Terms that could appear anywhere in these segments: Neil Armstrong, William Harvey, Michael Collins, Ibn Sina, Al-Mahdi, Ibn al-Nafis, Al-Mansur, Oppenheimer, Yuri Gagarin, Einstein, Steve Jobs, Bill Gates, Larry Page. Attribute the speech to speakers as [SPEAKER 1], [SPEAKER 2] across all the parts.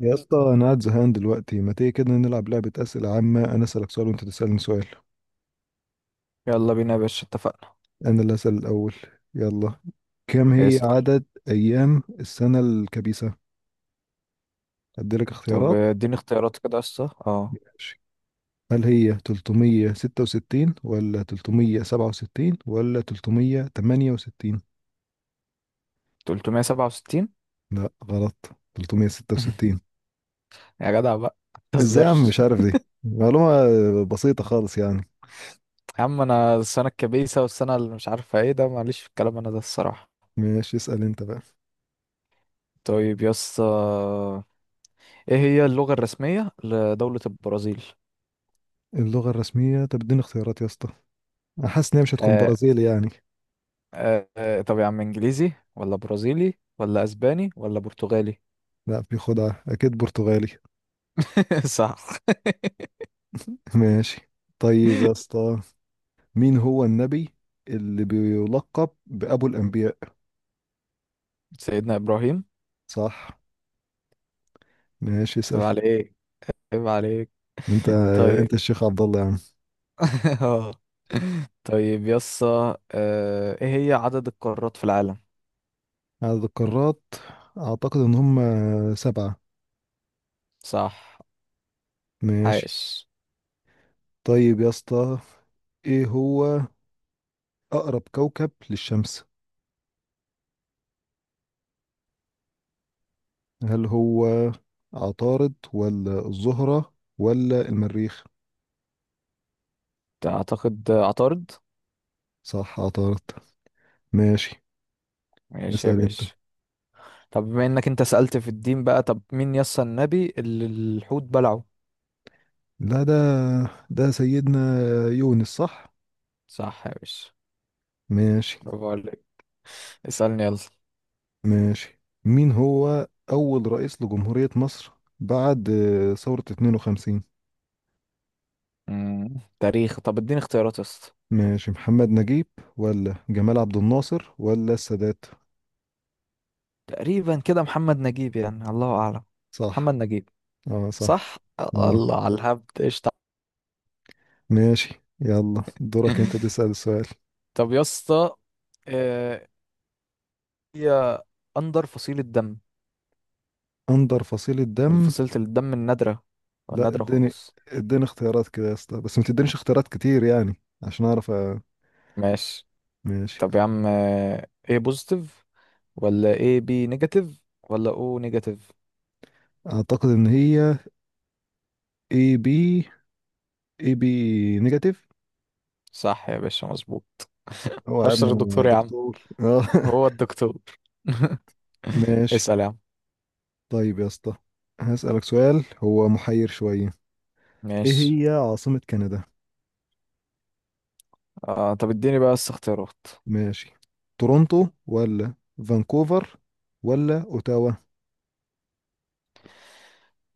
[SPEAKER 1] يا اسطى انا قاعد زهقان دلوقتي، ما تيجي كده نلعب لعبة أسئلة عامة. انا اسألك سؤال وانت تسألني سؤال.
[SPEAKER 2] يلا بينا يا باشا، اتفقنا.
[SPEAKER 1] انا اللي اسأل الاول. يلا، كم هي
[SPEAKER 2] اسأل.
[SPEAKER 1] عدد ايام السنة الكبيسة؟ اديلك
[SPEAKER 2] طب
[SPEAKER 1] اختيارات.
[SPEAKER 2] اديني اختيارات كده يا اسطى،
[SPEAKER 1] ماشي، هل هي 366 ولا 367 ولا 368؟
[SPEAKER 2] 367.
[SPEAKER 1] لا غلط، 366.
[SPEAKER 2] يا جدع بقى ما
[SPEAKER 1] ازاي يا عم
[SPEAKER 2] تهزرش.
[SPEAKER 1] مش عارف دي معلومة بسيطة خالص يعني؟
[SPEAKER 2] يا عم انا السنة الكبيسة والسنة اللي مش عارفة ايه ده، معلش في الكلام انا ده الصراحة.
[SPEAKER 1] ماشي، اسأل انت بقى.
[SPEAKER 2] طيب يا اسطى، ايه هي اللغة الرسمية لدولة البرازيل؟
[SPEAKER 1] اللغة الرسمية، طب اديني اختيارات يا اسطى. أنا حاسس ان هي مش هتكون
[SPEAKER 2] آه
[SPEAKER 1] برازيلي يعني.
[SPEAKER 2] طب يا عم، انجليزي ولا برازيلي ولا اسباني ولا برتغالي؟
[SPEAKER 1] لا، في خدعة، أكيد برتغالي.
[SPEAKER 2] صح.
[SPEAKER 1] ماشي. طيب يا اسطى، مين هو النبي اللي بيلقب بأبو الأنبياء؟
[SPEAKER 2] سيدنا ابراهيم.
[SPEAKER 1] صح. ماشي،
[SPEAKER 2] عيب
[SPEAKER 1] اسأل
[SPEAKER 2] عليك، عيب عليك.
[SPEAKER 1] أنت.
[SPEAKER 2] طيب.
[SPEAKER 1] أنت الشيخ عبد الله يا عم.
[SPEAKER 2] اه، طيب يسا، ايه هي عدد القارات في العالم؟
[SPEAKER 1] عدد القارات، أعتقد إن هم سبعة.
[SPEAKER 2] صح.
[SPEAKER 1] ماشي.
[SPEAKER 2] عاش.
[SPEAKER 1] طيب يا اسطى، إيه هو أقرب كوكب للشمس؟ هل هو عطارد ولا الزهرة ولا المريخ؟
[SPEAKER 2] اعتقد عطارد.
[SPEAKER 1] صح عطارد. ماشي،
[SPEAKER 2] ماشي يا
[SPEAKER 1] اسأل أنت.
[SPEAKER 2] باشا. طب بما انك انت سألت في الدين بقى، طب مين يسا النبي اللي الحوت بلعه؟
[SPEAKER 1] لا ده، ده سيدنا يونس، صح.
[SPEAKER 2] صح يا باشا،
[SPEAKER 1] ماشي.
[SPEAKER 2] برافو عليك. اسألني يلا.
[SPEAKER 1] ماشي، مين هو أول رئيس لجمهورية مصر بعد ثورة 52؟
[SPEAKER 2] تاريخ. طب اديني اختيارات يسا.
[SPEAKER 1] ماشي، محمد نجيب ولا جمال عبد الناصر ولا السادات؟
[SPEAKER 2] تقريبا كده محمد نجيب يعني، الله اعلم.
[SPEAKER 1] صح.
[SPEAKER 2] محمد نجيب.
[SPEAKER 1] اه صح،
[SPEAKER 2] صح.
[SPEAKER 1] اه.
[SPEAKER 2] الله على الهبد، قشطة.
[SPEAKER 1] ماشي، يلا دورك انت تسأل السؤال.
[SPEAKER 2] طب يسا، هي أندر فصيلة دم،
[SPEAKER 1] أندر فصيل
[SPEAKER 2] من
[SPEAKER 1] الدم،
[SPEAKER 2] فصيلة الدم النادرة،
[SPEAKER 1] لا
[SPEAKER 2] النادرة
[SPEAKER 1] اديني
[SPEAKER 2] خالص.
[SPEAKER 1] اديني اختيارات كده يا اسطى، بس ما تدينيش اختيارات كتير يعني، عشان اعرف
[SPEAKER 2] ماشي.
[SPEAKER 1] ماشي.
[SPEAKER 2] طب يا عم، ايه بوزيتيف ولا ايه بي نيجاتيف ولا او نيجاتيف؟
[SPEAKER 1] اعتقد ان هي A B، اي بي نيجاتيف.
[SPEAKER 2] صح يا باشا، مظبوط.
[SPEAKER 1] هو يا ابني
[SPEAKER 2] أشهر
[SPEAKER 1] انا
[SPEAKER 2] دكتور يا عم،
[SPEAKER 1] دكتور، اه.
[SPEAKER 2] هو الدكتور.
[SPEAKER 1] ماشي.
[SPEAKER 2] اسأل يا عم.
[SPEAKER 1] طيب يا اسطى، هسألك سؤال هو محير شوية. ايه
[SPEAKER 2] ماشي.
[SPEAKER 1] هي عاصمة كندا؟
[SPEAKER 2] آه، طب اديني بقى بس اختيارات.
[SPEAKER 1] ماشي، تورونتو ولا فانكوفر ولا اوتاوا؟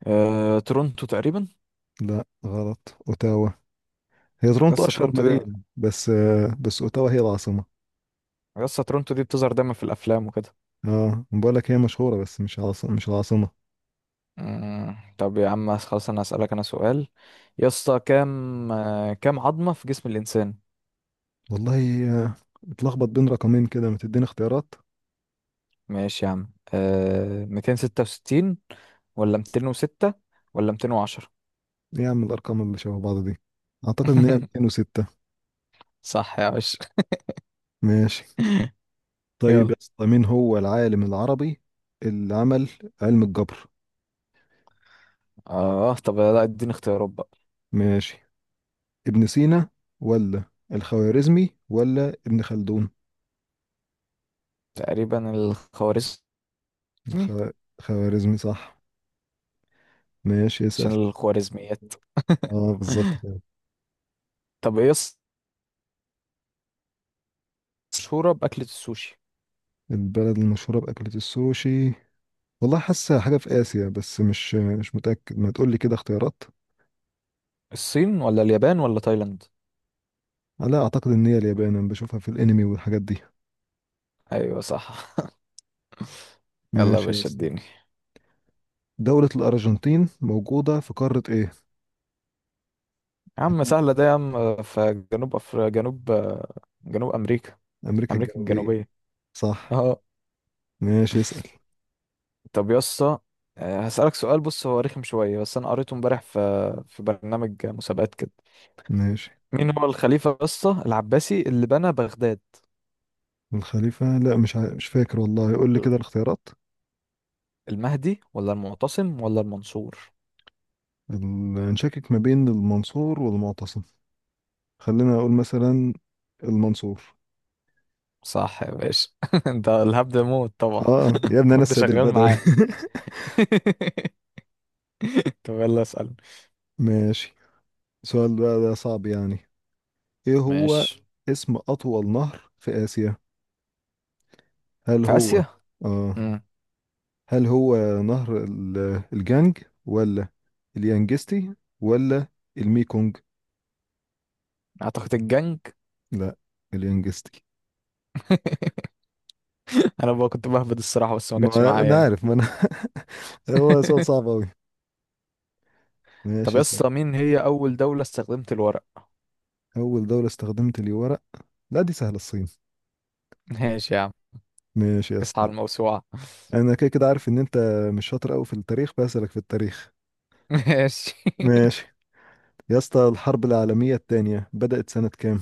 [SPEAKER 2] آه تورونتو تقريبا.
[SPEAKER 1] لا غلط، اوتاوا. هي تورونتو
[SPEAKER 2] لسه
[SPEAKER 1] اشهر
[SPEAKER 2] تورونتو دي،
[SPEAKER 1] مدينة، بس بس اوتاوا هي العاصمة.
[SPEAKER 2] لسه تورونتو دي بتظهر دايما في الأفلام وكده.
[SPEAKER 1] اه بقول لك هي مشهورة بس مش عاصمة، مش العاصمة.
[SPEAKER 2] طب يا عم خلاص، انا هسألك انا سؤال. يا اسطى كام كام عظمة في جسم الانسان؟
[SPEAKER 1] والله آه، اتلخبط بين رقمين كده، ما تديني اختيارات.
[SPEAKER 2] ماشي يا عم. 266 ولا 206 ولا 210؟
[SPEAKER 1] ايه يا عم الارقام اللي شبه بعض دي؟ اعتقد ان هي 206.
[SPEAKER 2] صح يا باشا.
[SPEAKER 1] ماشي. طيب
[SPEAKER 2] يلا.
[SPEAKER 1] يا اسطى، مين هو العالم العربي اللي عمل علم الجبر؟
[SPEAKER 2] اه طب لا، اديني اختيارات بقى.
[SPEAKER 1] ماشي، ابن سينا ولا الخوارزمي ولا ابن خلدون؟
[SPEAKER 2] تقريبا الخوارزمي.
[SPEAKER 1] الخ... خوارزمي صح. ماشي، اسأل.
[SPEAKER 2] عشان الخوارزميات.
[SPEAKER 1] اه بالظبط كده.
[SPEAKER 2] طب ايه مشهورة بأكلة السوشي.
[SPEAKER 1] البلد المشهورة بأكلة السوشي، والله حاسة حاجة في آسيا، بس مش متأكد، ما تقولي كده اختيارات.
[SPEAKER 2] الصين ولا اليابان ولا تايلاند؟
[SPEAKER 1] لا أعتقد إن هي اليابان، أنا بشوفها في الأنمي والحاجات دي.
[SPEAKER 2] ايوه صح. يلا يا
[SPEAKER 1] ماشي يا
[SPEAKER 2] باشا
[SPEAKER 1] اسطى،
[SPEAKER 2] اديني.
[SPEAKER 1] دولة الأرجنتين موجودة في قارة إيه؟
[SPEAKER 2] يا عم سهلة ده يا عم، في جنوب، جنوب أمريكا.
[SPEAKER 1] أمريكا
[SPEAKER 2] أمريكا
[SPEAKER 1] الجنوبية.
[SPEAKER 2] الجنوبية.
[SPEAKER 1] صح.
[SPEAKER 2] اه.
[SPEAKER 1] ماشي، اسأل.
[SPEAKER 2] طب يا اسطى، آه، هسألك سؤال. بص هو رخم شوية بس أنا قريته امبارح في برنامج مسابقات كده.
[SPEAKER 1] ماشي.
[SPEAKER 2] مين هو الخليفة يا اسطى العباسي اللي بنى بغداد؟
[SPEAKER 1] الخليفة، لا مش مش فاكر والله، قول لي كده الاختيارات.
[SPEAKER 2] المهدي ولا المعتصم ولا المنصور؟
[SPEAKER 1] نشكك ما بين المنصور والمعتصم. خلينا اقول مثلا المنصور.
[SPEAKER 2] صح يا باشا. انت الهبد موت طبعا.
[SPEAKER 1] اه يا ابني انا
[SPEAKER 2] الهبد
[SPEAKER 1] السيد
[SPEAKER 2] شغال
[SPEAKER 1] البدوي.
[SPEAKER 2] معاه. طب يلا اسأل.
[SPEAKER 1] ماشي. السؤال بقى ده صعب يعني. ايه هو
[SPEAKER 2] ماشي.
[SPEAKER 1] اسم اطول نهر في اسيا؟ هل
[SPEAKER 2] في
[SPEAKER 1] هو
[SPEAKER 2] آسيا.
[SPEAKER 1] اه
[SPEAKER 2] مم.
[SPEAKER 1] هل هو نهر الجانج ولا اليانجستي ولا الميكونج؟
[SPEAKER 2] أعتقد الجنج.
[SPEAKER 1] لا، اليانجستي.
[SPEAKER 2] انا بقى كنت بهبد الصراحه بس ما جاتش
[SPEAKER 1] ما
[SPEAKER 2] معايا
[SPEAKER 1] انا
[SPEAKER 2] يعني.
[SPEAKER 1] عارف، ما انا. هو سؤال صعب قوي.
[SPEAKER 2] طب
[SPEAKER 1] ماشي.
[SPEAKER 2] يا اسطى مين هي اول دوله استخدمت الورق؟
[SPEAKER 1] اول دولة استخدمت لي ورق، لا دي سهلة، الصين.
[SPEAKER 2] ماشي يا عم.
[SPEAKER 1] ماشي يا
[SPEAKER 2] اصحى
[SPEAKER 1] اسطى،
[SPEAKER 2] على الموسوعه.
[SPEAKER 1] انا كده كده عارف ان انت مش شاطر قوي في التاريخ بسألك في التاريخ.
[SPEAKER 2] ماشي.
[SPEAKER 1] ماشي يا اسطى، الحرب العالمية التانية بدأت سنة كام؟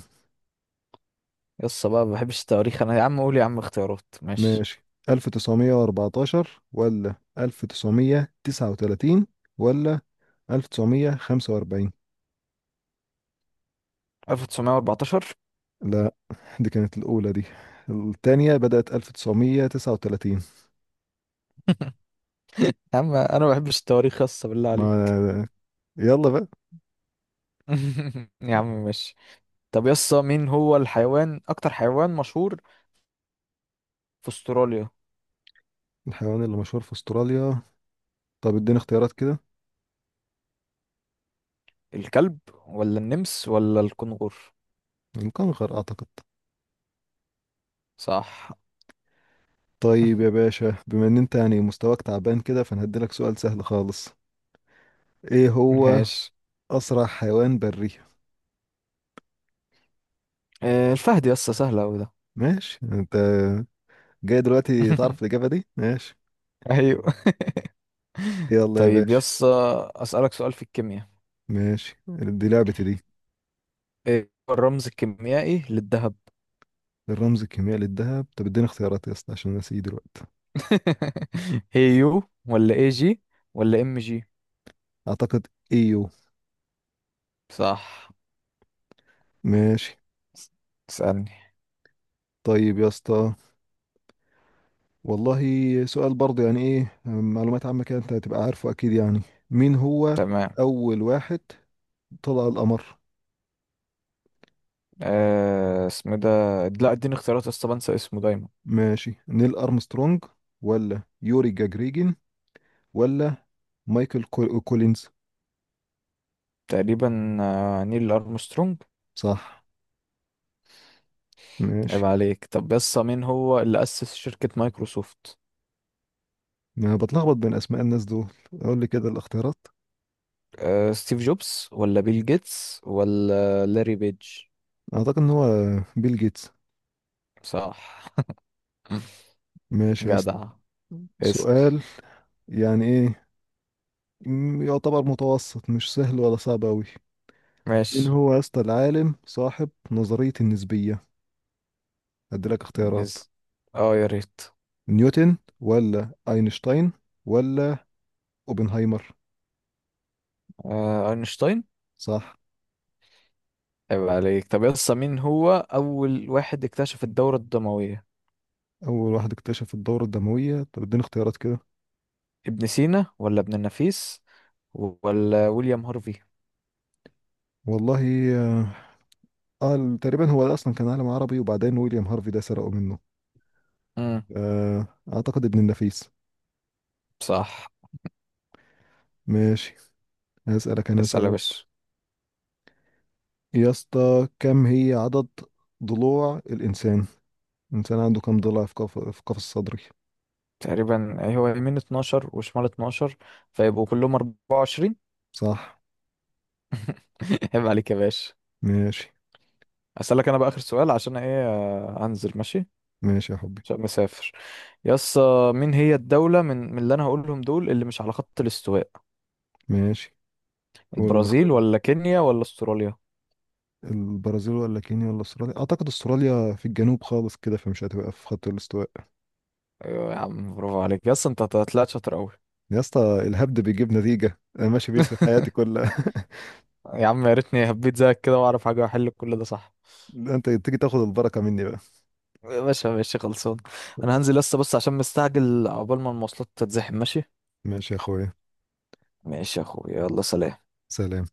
[SPEAKER 2] يا اسطى بقى ما بحبش التواريخ انا يا عم، قول يا عم اختيارات. ماشي.
[SPEAKER 1] ماشي، 1914 ولا 1939 ولا 1945؟
[SPEAKER 2] 1914.
[SPEAKER 1] لا، دي كانت الأولى دي، التانية بدأت 1939.
[SPEAKER 2] يا عم انا ما بحبش التواريخ يا اسطى بالله عليك.
[SPEAKER 1] ما، يلا بقى.
[SPEAKER 2] يا عم ماشي. طب يا اسطى، مين هو الحيوان، اكتر حيوان مشهور في استراليا؟
[SPEAKER 1] الحيوان اللي مشهور في أستراليا، طب اديني اختيارات كده.
[SPEAKER 2] الكلب ولا النمس ولا الكنغر؟
[SPEAKER 1] الكنغر أعتقد.
[SPEAKER 2] صح.
[SPEAKER 1] طيب يا باشا، بما ان انت يعني مستواك تعبان كده، فانا هديلك سؤال سهل خالص. ايه هو
[SPEAKER 2] ماشي.
[SPEAKER 1] اسرع حيوان بري؟
[SPEAKER 2] آه، الفهد يا اسطى، سهل اوي ده.
[SPEAKER 1] ماشي، انت جاي دلوقتي تعرف الاجابه دي، ماشي.
[SPEAKER 2] ايوه.
[SPEAKER 1] يلا يا
[SPEAKER 2] طيب
[SPEAKER 1] باشا.
[SPEAKER 2] يس، اسالك سؤال في الكيمياء.
[SPEAKER 1] ماشي، دي لعبتي دي.
[SPEAKER 2] ايه هو الرمز الكيميائي للذهب؟
[SPEAKER 1] الرمز الكيميائي للذهب، طب اديني اختيارات يا اسطى عشان نسيه دلوقتي.
[SPEAKER 2] هي يو، ولا اي جي، ولا ام جي؟
[SPEAKER 1] اعتقد ايو.
[SPEAKER 2] صح.
[SPEAKER 1] ماشي.
[SPEAKER 2] اسالني.
[SPEAKER 1] طيب يا اسطى، والله سؤال برضه يعني ايه، معلومات عامه كده انت هتبقى عارفه اكيد يعني. مين هو
[SPEAKER 2] تمام.
[SPEAKER 1] اول واحد طلع القمر؟
[SPEAKER 2] آه اسمه ده، لا اديني اختيارات يا اسطى بنسى اسمه دايما.
[SPEAKER 1] ماشي، نيل أرمسترونج ولا يوري جاجريجين ولا مايكل كولينز؟
[SPEAKER 2] تقريبا نيل ارمسترونج.
[SPEAKER 1] صح. ماشي.
[SPEAKER 2] عيب عليك. طب يس مين هو اللي اسس شركة مايكروسوفت؟
[SPEAKER 1] ما بتلخبط بين أسماء الناس دول، أقول لي كده الاختيارات.
[SPEAKER 2] آه ستيف جوبز ولا بيل جيتس ولا لاري بيج؟
[SPEAKER 1] أعتقد إن هو بيل جيتس.
[SPEAKER 2] صح.
[SPEAKER 1] ماشي يا اسطى.
[SPEAKER 2] جدع. اسأل.
[SPEAKER 1] سؤال، يعني إيه، يعتبر متوسط، مش سهل ولا صعب أوي. مين
[SPEAKER 2] ماشي.
[SPEAKER 1] هو يا اسطى العالم صاحب نظرية النسبية؟ أديلك اختيارات.
[SPEAKER 2] نز اه يا ريت.
[SPEAKER 1] نيوتن ولا أينشتاين ولا أوبنهايمر؟
[SPEAKER 2] آه اينشتاين.
[SPEAKER 1] صح.
[SPEAKER 2] عيب عليك. طب يا اسطى، مين هو اول واحد اكتشف الدورة الدموية؟
[SPEAKER 1] اول واحد اكتشف الدورة الدموية، طب اديني اختيارات كده.
[SPEAKER 2] ابن سينا ولا ابن النفيس ولا ويليام هارفي؟
[SPEAKER 1] والله، اه، تقريبا هو ده اصلا كان عالم عربي، وبعدين ويليام هارفي ده سرقه منه.
[SPEAKER 2] امم
[SPEAKER 1] آه، اعتقد ابن النفيس.
[SPEAKER 2] صح.
[SPEAKER 1] ماشي. هسألك انا
[SPEAKER 2] اسأل يا
[SPEAKER 1] سؤال.
[SPEAKER 2] باشا.
[SPEAKER 1] يا اسطى كم هي عدد ضلوع الانسان؟ الانسان عنده كم ضلع في قف، في قفص صدري؟
[SPEAKER 2] تقريبا أي هو يمين 12 وشمال 12، فيبقوا كلهم 24.
[SPEAKER 1] صح.
[SPEAKER 2] عيب عليك يا باشا.
[SPEAKER 1] ماشي.
[SPEAKER 2] اسألك انا بقى اخر سؤال، عشان ايه انزل ماشي.
[SPEAKER 1] ماشي يا حبي.
[SPEAKER 2] عشان مسافر. يا اسطى، مين هي الدولة من اللي انا هقولهم دول اللي مش على خط الاستواء؟
[SPEAKER 1] ماشي، ولا
[SPEAKER 2] البرازيل
[SPEAKER 1] الاختيارات؟
[SPEAKER 2] ولا كينيا ولا استراليا؟
[SPEAKER 1] البرازيل ولا كينيا ولا استراليا؟ اعتقد استراليا في الجنوب خالص كده، فمش هتبقى في خط الاستواء.
[SPEAKER 2] ايوه يا عم برافو عليك. يس انت طلعت شاطر قوي.
[SPEAKER 1] يا اسطى الهبد بيجيب نتيجة، انا ماشي بيه في حياتي كلها.
[SPEAKER 2] يا عم يا ريتني هبيت زيك كده واعرف حاجه واحل كل ده صح.
[SPEAKER 1] ده انت تيجي تاخد البركة مني بقى.
[SPEAKER 2] ماشي ماشي خلصان. انا هنزل لسه بس عشان مستعجل عقبال ما المواصلات تتزحم ماشي.
[SPEAKER 1] ماشي يا اخويا.
[SPEAKER 2] ماشي يا اخويا يلا سلام.
[SPEAKER 1] سلام.